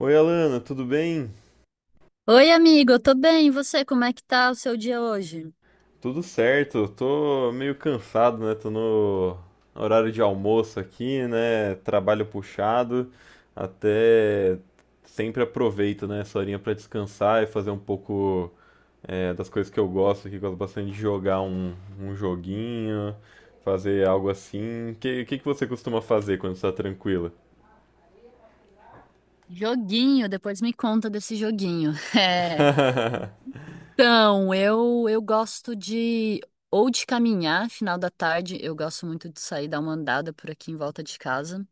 Oi, Alana, tudo bem? Oi, amigo, eu tô bem. E você, como é que tá o seu dia hoje? Tudo certo. Tô meio cansado, né? Tô no horário de almoço aqui, né? Trabalho puxado. Até sempre aproveito, né, essa horinha pra descansar e fazer um pouco das coisas que eu gosto, bastante de jogar um joguinho, fazer algo assim. O que que você costuma fazer quando está tranquila? Joguinho, depois me conta desse joguinho. É. Então, eu gosto de ou de caminhar final da tarde, eu gosto muito de sair dar uma andada por aqui em volta de casa,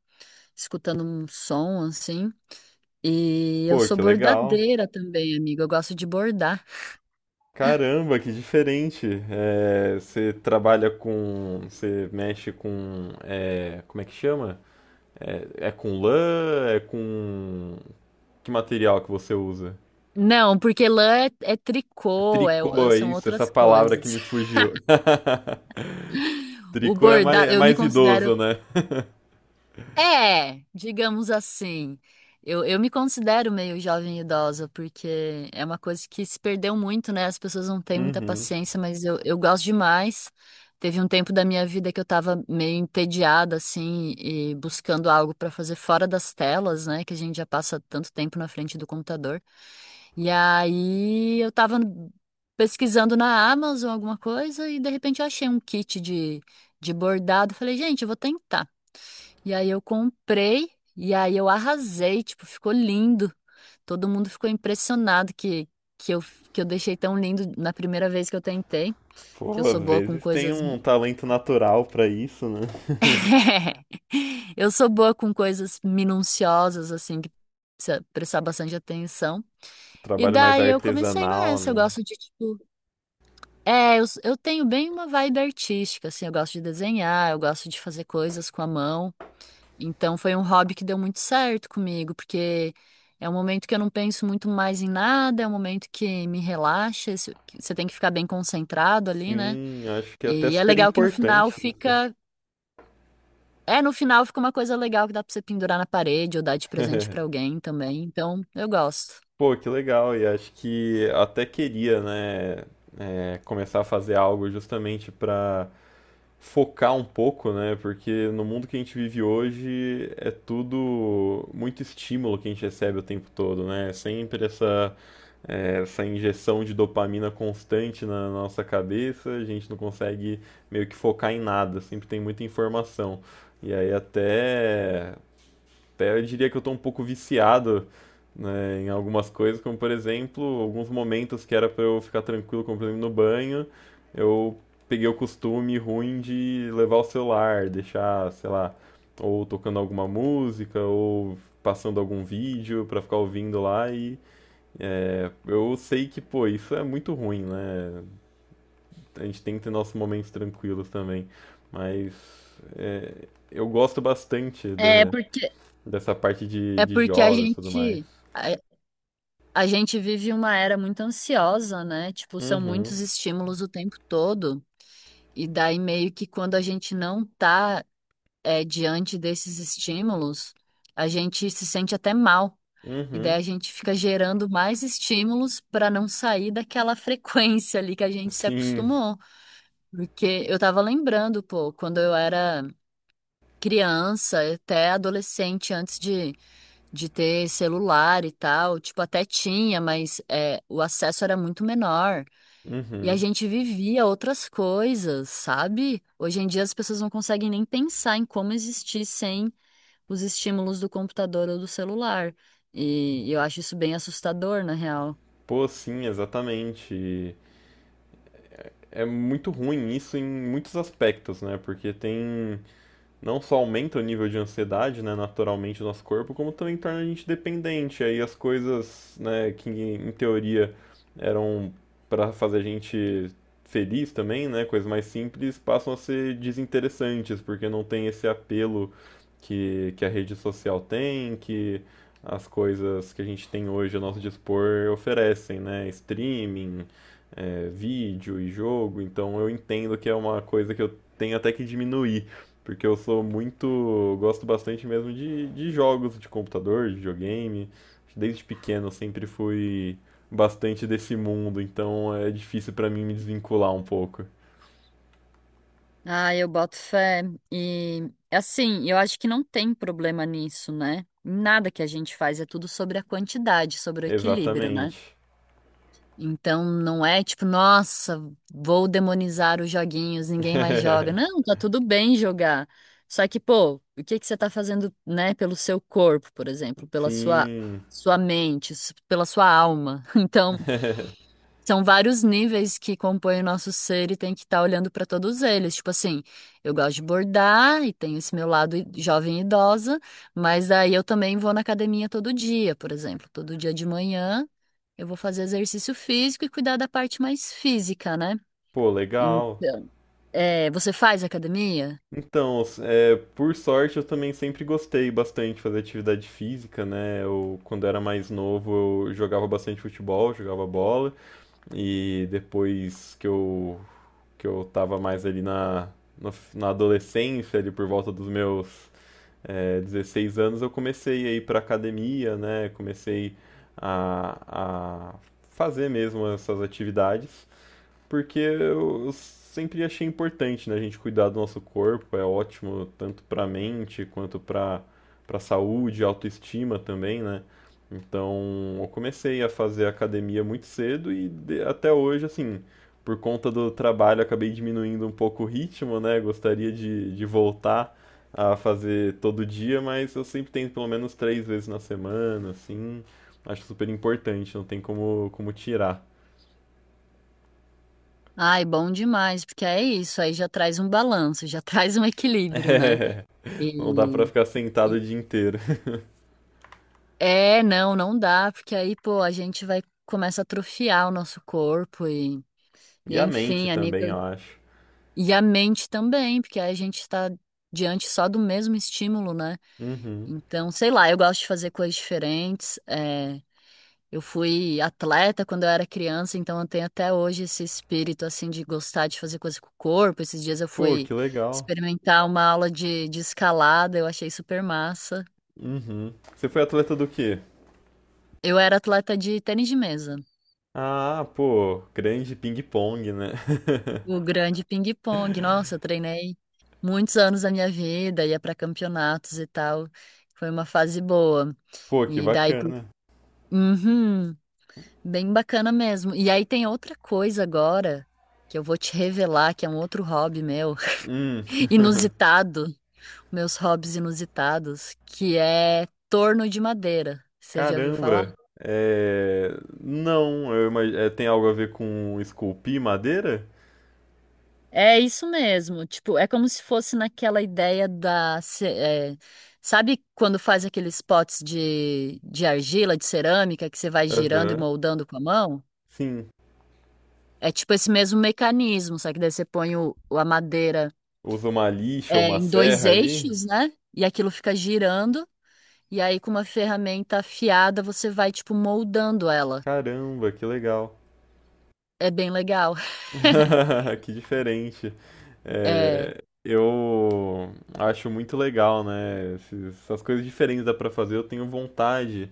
escutando um som assim. E eu Pô, sou que legal. bordadeira também, amigo. Eu gosto de bordar. Caramba, que diferente. É, você trabalha com. Você mexe com. É, como é que chama? É, é com lã? É com. Que material que você usa? Não, porque lã é, é tricô, é- Tricô, é são isso, essa outras palavra que coisas. me fugiu. O Tricô bordado, é eu me mais idoso, considero, né? é, digamos assim. Eu me considero meio jovem idosa, porque é uma coisa que se perdeu muito, né? As pessoas não têm muita Uhum. paciência, mas eu gosto demais. Teve um tempo da minha vida que eu tava meio entediada, assim, e buscando algo pra fazer fora das telas, né? Que a gente já passa tanto tempo na frente do computador. E aí eu tava pesquisando na Amazon alguma coisa e de repente eu achei um kit de bordado. Falei, gente, eu vou tentar. E aí eu comprei e aí eu arrasei, tipo, ficou lindo. Todo mundo ficou impressionado que eu, que eu deixei tão lindo na primeira vez que eu tentei, que eu Pô, às sou boa com vezes tem coisas. um talento natural pra isso, né? Eu sou boa com coisas minuciosas, assim, que precisa prestar bastante atenção. E Trabalho mais daí eu comecei artesanal, nessa, eu né? gosto de, tipo, eu tenho bem uma vibe artística, assim, eu gosto de desenhar, eu gosto de fazer coisas com a mão. Então foi um hobby que deu muito certo comigo, porque é um momento que eu não penso muito mais em nada, é um momento que me relaxa, isso- que você tem que ficar bem concentrado ali, né? Sim, acho que é até E é super legal que no final importante. No final fica uma coisa legal que dá pra você pendurar na parede ou dar de presente pra alguém também. Então, eu gosto. Pô, que legal, e acho que até queria, né, começar a fazer algo justamente para focar um pouco, né, porque no mundo que a gente vive hoje é tudo muito estímulo que a gente recebe o tempo todo, né, é sempre essa injeção de dopamina constante na nossa cabeça, a gente não consegue meio que focar em nada, sempre tem muita informação. E aí até eu diria que eu tô um pouco viciado, né, em algumas coisas, como por exemplo, alguns momentos que era pra eu ficar tranquilo, como por exemplo no banho, eu peguei o costume ruim de levar o celular, deixar, sei lá, ou tocando alguma música, ou passando algum vídeo pra ficar ouvindo lá eu sei que, pô, isso é muito ruim, né? A gente tem que ter nossos momentos tranquilos também, mas eu gosto bastante É porque, dessa parte é de porque jogos e tudo mais. A, a gente vive uma era muito ansiosa, né? Tipo, são Uhum, muitos estímulos o tempo todo. E daí meio que quando a gente não tá, é, diante desses estímulos, a gente se sente até mal. E daí uhum. a gente fica gerando mais estímulos para não sair daquela frequência ali que a gente se Sim, acostumou. Porque eu tava lembrando, pô, quando eu era criança, até adolescente, antes de ter celular e tal, tipo, até tinha, mas é, o acesso era muito menor. E a uhum. gente vivia outras coisas, sabe? Hoje em dia as pessoas não conseguem nem pensar em como existir sem os estímulos do computador ou do celular. E eu acho isso bem assustador, na real. Pô, sim, exatamente. É muito ruim isso em muitos aspectos, né? Porque tem não só aumenta o nível de ansiedade, né, naturalmente no nosso corpo, como também torna a gente dependente. Aí as coisas, né, que em teoria eram para fazer a gente feliz também, né, coisas mais simples, passam a ser desinteressantes, porque não tem esse apelo que a rede social tem, que as coisas que a gente tem hoje a nosso dispor oferecem, né, streaming, vídeo e jogo, então eu entendo que é uma coisa que eu tenho até que diminuir, porque eu sou muito, gosto bastante mesmo de jogos de computador, de videogame. Desde pequeno eu sempre fui bastante desse mundo, então é difícil pra mim me desvincular um pouco. Ah, eu boto fé. E assim, eu acho que não tem problema nisso, né? Nada que a gente faz é tudo sobre a quantidade, sobre o equilíbrio, né? Exatamente. Então não é tipo, nossa, vou demonizar os joguinhos, ninguém mais joga. Não, tá tudo bem jogar. Só que, pô, o que que você tá fazendo, né, pelo seu corpo, por exemplo, pela sua Sim. sua mente, s- pela sua alma. Então, são vários níveis que compõem o nosso ser e tem que estar olhando para todos eles. Tipo assim, eu gosto de bordar e tenho esse meu lado i- jovem e idosa, mas aí eu também vou na academia todo dia, por exemplo. Todo dia de manhã eu vou fazer exercício físico e cuidar da parte mais física, né? Pô, legal. Então, é, você faz academia? Então, é, por sorte, eu também sempre gostei bastante de fazer atividade física, né? Eu, quando era mais novo, eu jogava bastante futebol, jogava bola, e depois que eu, que eu tava mais ali na, na adolescência, ali por volta dos meus, 16 anos, eu comecei a ir pra academia, né? Comecei a fazer mesmo essas atividades porque eu sempre achei importante, né, a gente cuidar do nosso corpo, é ótimo tanto para mente quanto para saúde, autoestima também, né? Então, eu comecei a fazer academia muito cedo e até hoje, assim, por conta do trabalho, eu acabei diminuindo um pouco o ritmo, né? Gostaria de voltar a fazer todo dia, mas eu sempre tento pelo menos três vezes na semana, assim. Acho super importante, não tem como, como tirar. Ai, bom demais, porque é isso, aí já traz um balanço, já traz um equilíbrio, né? Não dá pra E, ficar sentado o e dia inteiro. é, não dá, porque aí, pô, a gente vai começa a atrofiar o nosso corpo e, E e a mente enfim, a também, nível eu acho. e a mente também, porque aí a gente está diante só do mesmo estímulo, né? Uhum. Então, sei lá, eu gosto de fazer coisas diferentes. Eu fui atleta quando eu era criança, então eu tenho até hoje esse espírito assim de gostar de fazer coisas com o corpo. Esses dias eu Pô, fui que legal. experimentar uma aula de escalada, eu achei super massa. Uhum. Você foi atleta do quê? Eu era atleta de tênis de mesa. Ah, pô, grande ping-pong, né? O grande ping-pong. Nossa, eu treinei muitos anos da minha vida, ia para campeonatos e tal. Foi uma fase boa. Pô, que E daí, pro- bacana. uhum, bem bacana mesmo. E aí tem outra coisa agora que eu vou te revelar, que é um outro hobby meu, Hum. inusitado, meus hobbies inusitados, que é torno de madeira. Você já viu falar? Caramba. É... Não, eu imag... é, tem algo a ver com esculpir madeira? É isso mesmo. Tipo, é como se fosse naquela ideia da. Ce- é, sabe quando faz aqueles potes de argila, de cerâmica, que você vai girando e Aham. moldando com a mão? Sim. É tipo esse mesmo mecanismo, só que daí você põe o- a madeira, Usa uma lixa ou é, uma em 2 serra ali? eixos, né? E aquilo fica girando. E aí, com uma ferramenta afiada, você vai, tipo, moldando ela. Caramba, que legal. É bem legal. Que diferente. É. É, eu acho muito legal, né? Essas coisas diferentes dá pra fazer. Eu tenho vontade,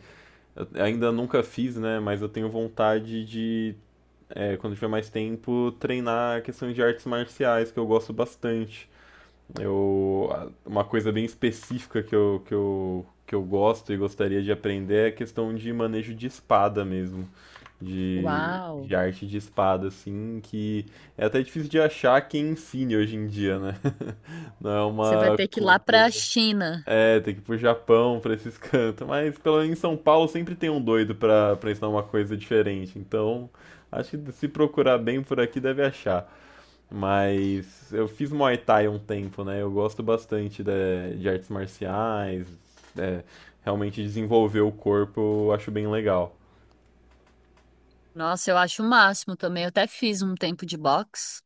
eu ainda nunca fiz, né? Mas eu tenho vontade de, é, quando tiver mais tempo, treinar a questão de artes marciais, que eu gosto bastante. Uma coisa bem específica que eu gosto e gostaria de aprender é a questão de manejo de espada mesmo de Uau! arte de espada, assim, que é até difícil de achar quem ensine hoje em dia, né? Não é Você vai uma ter que ir lá pra cultura. China. É, tem que ir pro Japão, pra esses cantos. Mas pelo menos em São Paulo sempre tem um doido pra ensinar uma coisa diferente. Então, acho que se procurar bem por aqui deve achar. Mas eu fiz Muay Thai um tempo, né? Eu gosto bastante de artes marciais. É, realmente desenvolver o corpo eu acho bem legal. Nossa, eu acho o máximo também. Eu até fiz um tempo de boxe,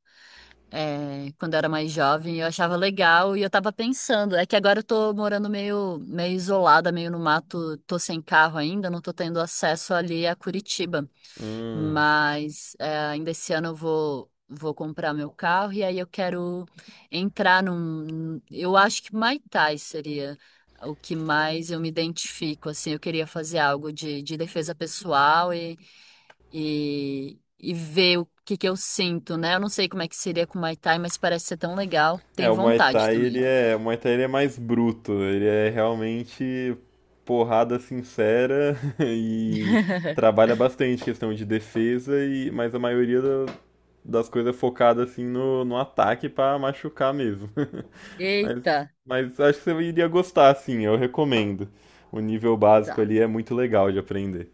é, quando eu era mais jovem, eu achava legal e eu tava pensando. É que agora eu tô morando meio isolada, meio no mato, tô sem carro ainda, não tô tendo acesso ali a Curitiba. Hum. Mas é, ainda esse ano eu vou comprar meu carro e aí eu quero entrar num. Eu acho que Muay Thai seria o que mais eu me identifico, assim, eu queria fazer algo de defesa pessoal e ver o que que eu sinto, né? Eu não sei como é que seria com o Muay Thai, mas parece ser tão legal. É, Tenho vontade também. O Muay Thai, ele é mais bruto, né? Ele é realmente porrada sincera e trabalha bastante questão de defesa e mas a maioria das coisas é focada assim no, no ataque pra machucar mesmo. Mas Eita, mas acho que você iria gostar assim, eu recomendo. O nível básico tá. ali é muito legal de aprender.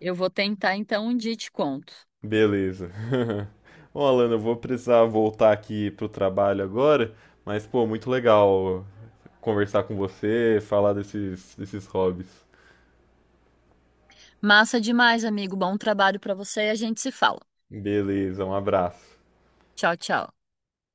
Eu vou tentar então um dia e te conto. Beleza. Bom, Alana, eu vou precisar voltar aqui pro trabalho agora, mas pô, muito legal conversar com você, falar desses hobbies. Massa demais, amigo. Bom trabalho pra você e a gente se fala. Beleza, um abraço. Tchau, tchau.